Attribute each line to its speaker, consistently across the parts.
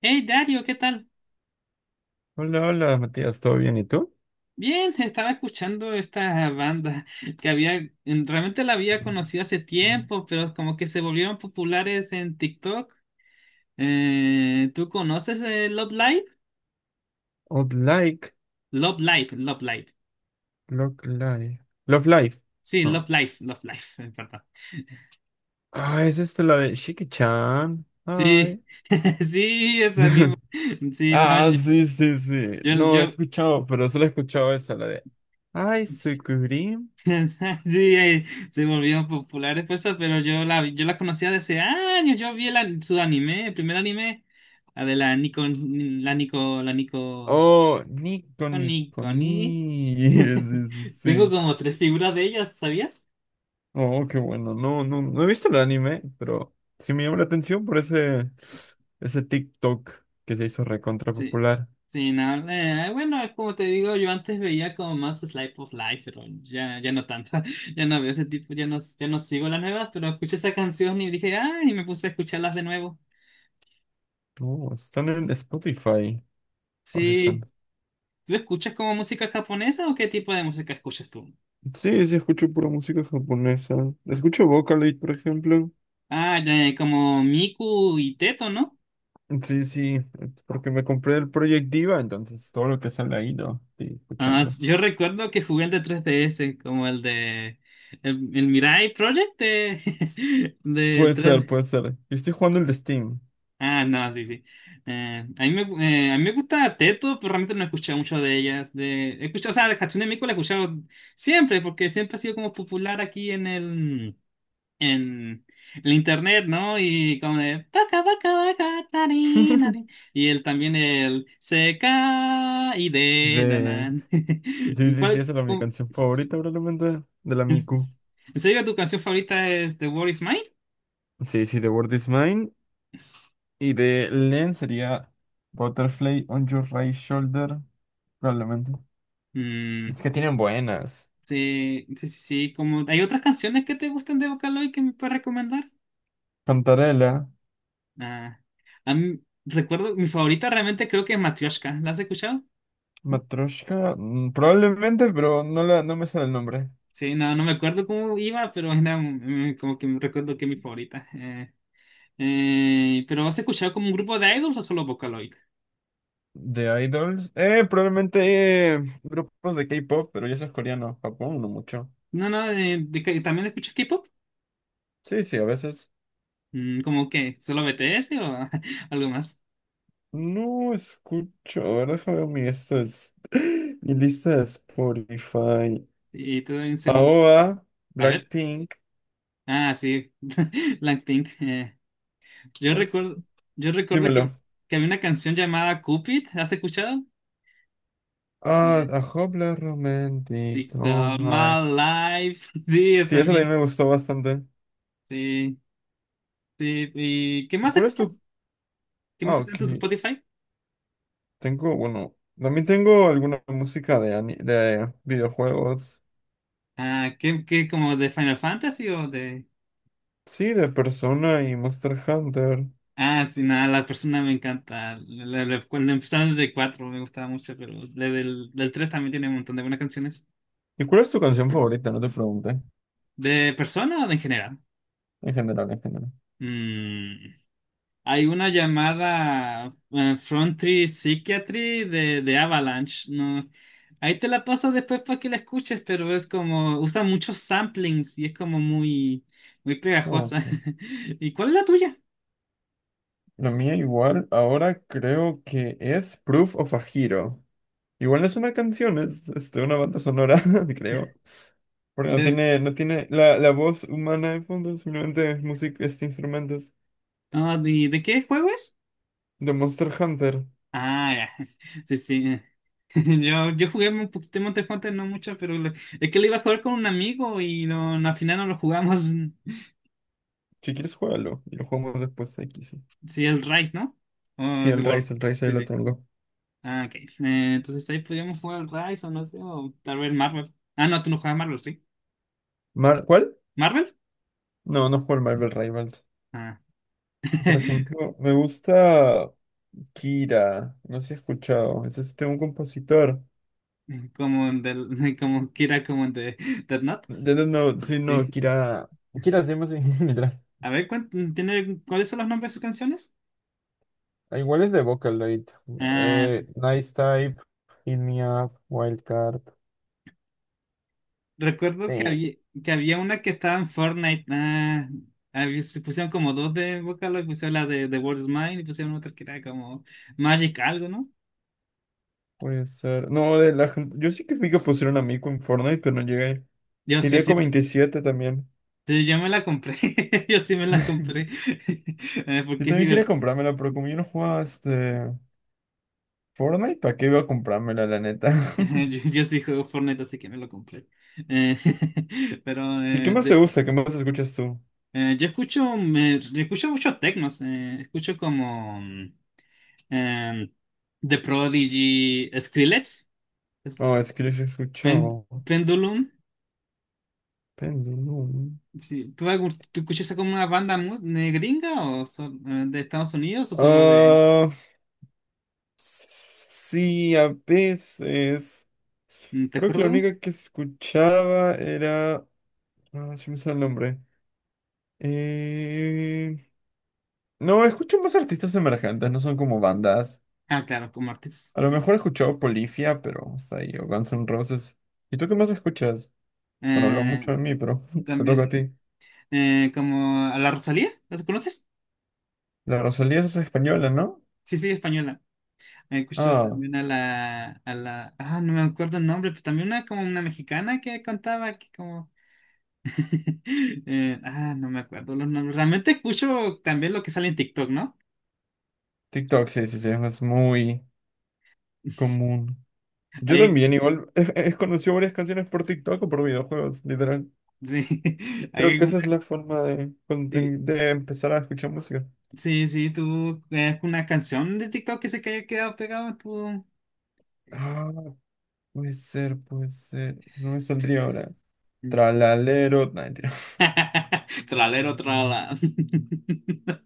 Speaker 1: Hey Dario, ¿qué tal?
Speaker 2: Hola, hola, Matías, ¿todo bien? ¿Y tú?
Speaker 1: Bien, estaba escuchando esta banda que había, realmente la había conocido hace tiempo, pero como que se volvieron populares en TikTok. ¿Tú conoces Love Live?
Speaker 2: Would like,
Speaker 1: Love Live, Love Live.
Speaker 2: love life, love life.
Speaker 1: Sí,
Speaker 2: No.
Speaker 1: Love Live, Love Live, perdón.
Speaker 2: Ah, es esto la de Shiki-chan.
Speaker 1: Sí,
Speaker 2: Ay.
Speaker 1: sí, esa misma. Sí, no,
Speaker 2: Ah, sí, sí, sí.
Speaker 1: yo,
Speaker 2: No he
Speaker 1: yo-
Speaker 2: escuchado, pero solo he escuchado esa, la de Ay, soy Kurim.
Speaker 1: Sí, se volvieron populares por eso, pero yo la conocía desde años. Yo vi su anime, el primer anime, la de la Nico, la Nico, la Nico,
Speaker 2: Oh, Nico, Nico,
Speaker 1: Nico, ni.
Speaker 2: ni. Sí, sí,
Speaker 1: Tengo
Speaker 2: sí.
Speaker 1: como tres figuras de ellas, ¿sabías?
Speaker 2: Oh, qué bueno. No, no, no he visto el anime, pero sí me llama la atención por ese, ese TikTok que se hizo recontra
Speaker 1: Sí.
Speaker 2: popular.
Speaker 1: Sí, no, bueno, es como te digo, yo antes veía como más Slice of Life, pero ya, ya no tanto, ya no veo ese tipo, ya no, ya no sigo las nuevas, pero escuché esa canción y dije, ay, y me puse a escucharlas de nuevo.
Speaker 2: Oh, están en Spotify. O
Speaker 1: Sí.
Speaker 2: están.
Speaker 1: ¿Tú escuchas como música japonesa o qué tipo de música escuchas tú?
Speaker 2: Sí, sí, escucho pura música japonesa. Escucho Vocaloid, por ejemplo.
Speaker 1: Ah, ya, ya, como Miku y Teto, ¿no?
Speaker 2: Sí, sí, es porque me compré el Project Diva, entonces todo lo que sale ahí lo estoy escuchando.
Speaker 1: Yo recuerdo que jugué el de 3DS, como el de... El Mirai Project de
Speaker 2: Puede ser,
Speaker 1: 3D.
Speaker 2: puede ser. Yo estoy jugando el de Steam.
Speaker 1: Ah, no, sí, sí. A mí me gusta Teto, pero realmente no he escuchado mucho de ellas. He escuchado, o sea, de Hatsune Miku la he escuchado siempre, porque siempre ha sido como popular aquí en el internet, ¿no? Y como de "Vaca, vaca, vaca, tari, nari". Y él también el se y de
Speaker 2: De...
Speaker 1: danan.
Speaker 2: Sí,
Speaker 1: ¿Y
Speaker 2: sí, sí,
Speaker 1: cuál?
Speaker 2: esa era mi canción favorita
Speaker 1: Sí.
Speaker 2: probablemente, de la
Speaker 1: ¿En
Speaker 2: Miku.
Speaker 1: en serio tu canción favorita es The World Is Mine?
Speaker 2: Sí, sí, The World Is Mine. Y de Len sería Butterfly on Your Right Shoulder, probablemente.
Speaker 1: Mm,
Speaker 2: Es que tienen buenas.
Speaker 1: sí, sí, sí, sí. Como, ¿hay otras canciones que te gustan de Vocaloid que me puedes recomendar?
Speaker 2: Cantarela.
Speaker 1: Ah, a mí- Recuerdo, mi favorita realmente creo que es Matryoshka. ¿La has escuchado?
Speaker 2: Matryoshka, mm, probablemente, pero no, la, no me sale el nombre.
Speaker 1: Sí, no, no me acuerdo cómo iba, pero era como que me recuerdo que es mi favorita. Pero ¿has escuchado como un grupo de idols o solo Vocaloid?
Speaker 2: De Idols. Probablemente grupos de K-pop, pero ya eso es coreano. Japón, no mucho.
Speaker 1: No, no. ¿También escuchas K-pop?
Speaker 2: Sí, sí, a veces.
Speaker 1: Mm, ¿Cómo que? ¿Solo BTS o algo más?
Speaker 2: No escucho. A ver, déjame ver mi, esto es- mi lista de Spotify.
Speaker 1: Y te doy un segundo.
Speaker 2: AOA,
Speaker 1: A ver.
Speaker 2: Blackpink.
Speaker 1: Ah, sí, Blackpink. Yo
Speaker 2: Pues,
Speaker 1: recuerdo, yo recuerdo que,
Speaker 2: dímelo.
Speaker 1: que había una canción llamada Cupid. ¿Has escuchado?
Speaker 2: Ah,
Speaker 1: Eh,
Speaker 2: A Hopla Romantic. Oh
Speaker 1: TikTok,
Speaker 2: my.
Speaker 1: My Life. Sí, yo
Speaker 2: Sí, eso
Speaker 1: también.
Speaker 2: también me gustó bastante.
Speaker 1: Sí, sí. ¿Y qué
Speaker 2: ¿Y
Speaker 1: más
Speaker 2: cuál es tu?
Speaker 1: escuchas? ¿Qué más
Speaker 2: Ah,
Speaker 1: escuchas
Speaker 2: ok.
Speaker 1: en tu Spotify?
Speaker 2: Tengo, bueno, también tengo alguna música de, ani- de videojuegos.
Speaker 1: Ah, ¿qué, como de Final Fantasy o de...?
Speaker 2: Sí, de Persona y Monster Hunter.
Speaker 1: Ah, sí, nada, la persona me encanta. Cuando empezaron desde 4 me gustaba mucho, pero la del 3 también tiene un montón de buenas canciones.
Speaker 2: ¿Y cuál es tu canción favorita? No te pregunté.
Speaker 1: ¿De persona o de en general?
Speaker 2: En general, en general.
Speaker 1: Mm, hay una llamada Frontry Psychiatry de Avalanche. No, ahí te la paso después para que la escuches, pero es como, usa muchos samplings y es como muy, muy
Speaker 2: Ok.
Speaker 1: pegajosa. ¿Y cuál es la tuya?
Speaker 2: La mía igual, ahora creo que es Proof of a Hero. Igual no es una canción, es este, una banda sonora, creo. Porque no
Speaker 1: ¿De,
Speaker 2: tiene, no tiene la, la voz humana de fondo, simplemente es música, este instrumentos.
Speaker 1: de qué juego es?
Speaker 2: De Monster Hunter.
Speaker 1: Ah, ya. Sí, sí. Yo jugué un poquito de Monster Hunter, no mucho, pero es que lo iba a jugar con un amigo y no, no, al final no lo jugamos.
Speaker 2: Si quieres, juégalo. Y lo jugamos después, aquí sí.
Speaker 1: Sí, el Rise, ¿no? O
Speaker 2: Sí,
Speaker 1: es The World.
Speaker 2: El Rise
Speaker 1: Sí,
Speaker 2: ahí lo
Speaker 1: sí.
Speaker 2: tengo.
Speaker 1: Ah, ok. Entonces ahí podríamos jugar el Rise o no sé, o tal vez Marvel. Ah, no, tú no juegas Marvel, ¿sí?
Speaker 2: Mar- ¿Cuál?
Speaker 1: ¿Marvel?
Speaker 2: No, no juego el Marvel Rivals.
Speaker 1: Ah.
Speaker 2: Por ejemplo, me gusta Kira. No sé si he escuchado. Es este un compositor.
Speaker 1: Como, del, como Kira, como de Death Note.
Speaker 2: De- No, sí, no,
Speaker 1: Sí.
Speaker 2: Kira. Kira se llama así, literal.
Speaker 1: A ver, ¿cuáles son los nombres de sus canciones?
Speaker 2: Ah, igual es de Vocaloid.
Speaker 1: Ah, sí.
Speaker 2: Nice Type, Hit Me Up, Wildcard.
Speaker 1: Recuerdo que
Speaker 2: Sí.
Speaker 1: había, que había una que estaba en Fortnite. Se pusieron como dos de Vocaloid, pusieron la de The World Is Mine y pusieron otra que era como Magic algo, ¿no?
Speaker 2: Puede ser. No, de la gente. Yo sí que vi que pusieron a Mico en Fortnite, pero no llegué.
Speaker 1: Yo
Speaker 2: Y
Speaker 1: sí, sí,
Speaker 2: Deco 27 también.
Speaker 1: sí, yo me la compré. Yo sí me la compré.
Speaker 2: Yo
Speaker 1: Porque es
Speaker 2: también quería
Speaker 1: divertido.
Speaker 2: comprármela, pero como yo no jugaba este. Fortnite, ¿para qué iba a comprármela, la neta?
Speaker 1: Yo sí juego Fortnite, así que me lo compré. Eh, pero
Speaker 2: ¿Y qué más te gusta? ¿Qué más escuchas tú?
Speaker 1: yo escucho muchos tecnos. Escucho como em, The Prodigy, Skrillex, es-
Speaker 2: No, es que yo sí he
Speaker 1: Pen-
Speaker 2: escuchado.
Speaker 1: Pendulum.
Speaker 2: Pendulum.
Speaker 1: Sí. Tú escuchas como una banda gringa o de Estados Unidos o solo de...
Speaker 2: Ah, s- sí, a veces.
Speaker 1: ¿Te
Speaker 2: Creo que
Speaker 1: acuerdas
Speaker 2: la
Speaker 1: de una?
Speaker 2: única que escuchaba era. Ah, se me sale el nombre. Eh, No, escucho más artistas emergentes, no son como bandas.
Speaker 1: Ah, claro, como artistas.
Speaker 2: A lo mejor he escuchado Polifia, pero hasta ahí, o Guns N' Roses. ¿Y tú qué más escuchas? Bueno, hablo
Speaker 1: Eh,
Speaker 2: mucho de mí, pero te
Speaker 1: También,
Speaker 2: toca a
Speaker 1: sí.
Speaker 2: ti.
Speaker 1: Como a la Rosalía, ¿las conoces?
Speaker 2: La Rosalía es española, ¿no?
Speaker 1: Sí, sí, española. Escucho
Speaker 2: Ah,
Speaker 1: también Ah, no me acuerdo el nombre, pero también una como una mexicana que cantaba que como... Ah, no me acuerdo los nombres. Realmente escucho también lo que sale en TikTok, ¿no?
Speaker 2: TikTok, sí, sí, sí, es muy común. Yo
Speaker 1: Hay,
Speaker 2: también, igual, he conocido varias canciones por TikTok o por videojuegos, literal.
Speaker 1: sí,
Speaker 2: Creo
Speaker 1: hay
Speaker 2: que
Speaker 1: una...
Speaker 2: esa es la forma de,
Speaker 1: Sí,
Speaker 2: conten- de empezar a escuchar música.
Speaker 1: sí, sí, tú es una canción de TikTok que se que haya quedado pegada, tú.
Speaker 2: Ah, puede ser, puede ser. No me saldría ahora. Tralalero. No, mentira.
Speaker 1: Tralero, trala.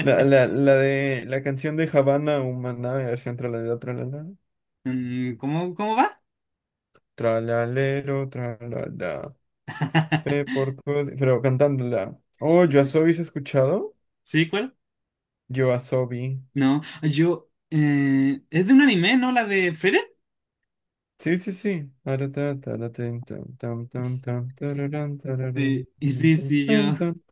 Speaker 2: La de la canción de Havana Humana, versión tralalero, tralala.
Speaker 1: Mm, ¿Cómo va?
Speaker 2: Tralalero, tralala. Por, todo- pero cantándola. Oh, yo soy, ¿has escuchado?
Speaker 1: ¿Sí, cuál?
Speaker 2: Yoasobi.
Speaker 1: No, yo. Es de un anime, ¿no? La de Frieren.
Speaker 2: Sí, sí, sí. Taratá, taratín, tan, tan, tan, tan, tararán, tararán,
Speaker 1: Sí, y
Speaker 2: tan,
Speaker 1: sí,
Speaker 2: tan,
Speaker 1: sí, yo.
Speaker 2: tan, tan.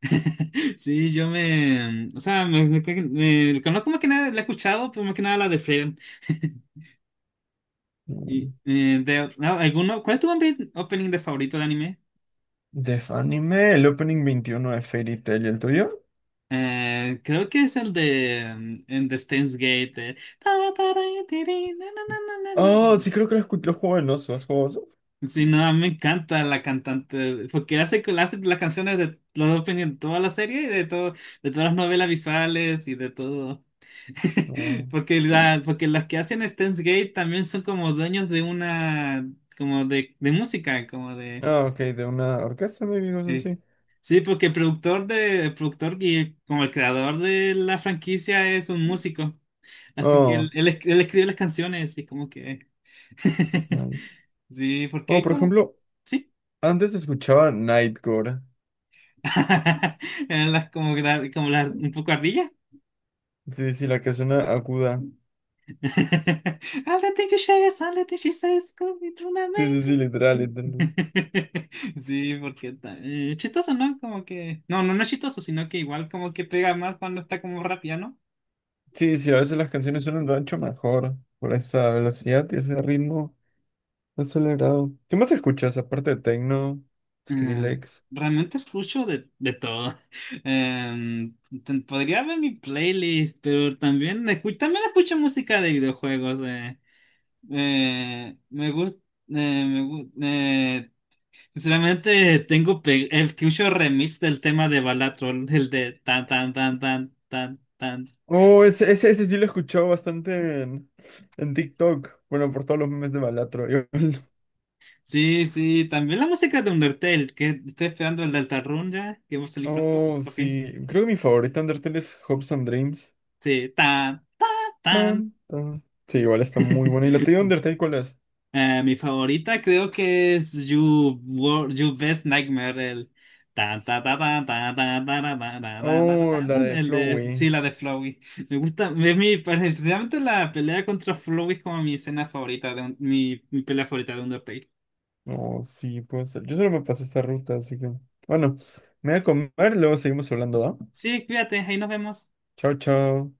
Speaker 1: Sí, yo me. O sea, conozco más que nada, la he escuchado, pero más que nada la de Frieren. Y,
Speaker 2: Mm.
Speaker 1: de, no, ¿alguno, ¿cuál es tu opening de favorito de anime?
Speaker 2: Def Anime, el opening 21 de Fairy Tail, ¿y el tuyo?
Speaker 1: Creo que es el de en The Steins Gate. Ta, ta, ra, tiri, na, na, na, na, na,
Speaker 2: Oh,
Speaker 1: na.
Speaker 2: sí, creo que lo, escu- lo juego en oso. ¿Has jugado oso?
Speaker 1: Sí, no, a mí me encanta la cantante, porque hace las canciones de los openings de toda la serie y de todo, de todas las novelas visuales y de todo.
Speaker 2: No.
Speaker 1: Porque las que hacen Steins Gate también son como dueños de una, como de música, como de...
Speaker 2: Ah, ok, de una orquesta, maybe, cosas
Speaker 1: Sí.
Speaker 2: así.
Speaker 1: Sí, porque el productor y como el creador de la franquicia es un músico. Así que
Speaker 2: Oh,
Speaker 1: él escribe las canciones y es como que...
Speaker 2: it's nice.
Speaker 1: Sí, porque
Speaker 2: Oh,
Speaker 1: hay
Speaker 2: por
Speaker 1: como...
Speaker 2: ejemplo,
Speaker 1: Sí.
Speaker 2: antes escuchaba Nightcore.
Speaker 1: Eran las como, como las un poco ardillas.
Speaker 2: Sí, sí, la que suena aguda.
Speaker 1: All the things she says, all the things she says, could be true, my
Speaker 2: Sí,
Speaker 1: man.
Speaker 2: sí, sí, literal, literal.
Speaker 1: Sí, porque chistoso, ¿no? Como que... No, no, no es chistoso, sino que igual como que pega más cuando está como rápida.
Speaker 2: Sí, sí, a veces las canciones son suenan rancho mejor por esa velocidad y ese ritmo acelerado. ¿Qué más escuchas aparte de techno,
Speaker 1: Mm,
Speaker 2: Skrillex?
Speaker 1: realmente escucho de todo. Em, Podría ver mi playlist, pero también, también escucho música de videojuegos. Me gusta. me gu- eh, Sinceramente, escucho remix del tema de Balatrol, el de tan, tan, tan, tan, tan, tan.
Speaker 2: Oh, ese sí lo he escuchado bastante en TikTok. Bueno, por todos los memes de Balatro. Igual.
Speaker 1: Sí, sí, también la música de Undertale, que estoy esperando el de Altarrun ya, que va a salir pronto.
Speaker 2: Oh,
Speaker 1: Por fin.
Speaker 2: sí. Creo que mi favorita Undertale es Hopes and Dreams.
Speaker 1: Sí, tan, tan, tan.
Speaker 2: Tan, tan. Sí, igual está muy buena. ¿Y la tuya Undertale cuál es?
Speaker 1: Mi favorita creo que es You Best Nightmare, el tan, ta, ta, ta, ta, ta, ta, ra, ta, ra, ta, ta, ta,
Speaker 2: Oh,
Speaker 1: ta,
Speaker 2: la de
Speaker 1: el de
Speaker 2: Flowey.
Speaker 1: sí, la de Flowey. Me gusta, realmente la pelea contra Flowey es como mi escena favorita de mi pelea favorita de Undertale.
Speaker 2: Oh, sí, puede ser. Yo solo me paso esta ruta, así que. Bueno, me voy a comer, luego seguimos hablando, ¿va?
Speaker 1: Sí, cuídate, ahí nos vemos.
Speaker 2: Chao, chao.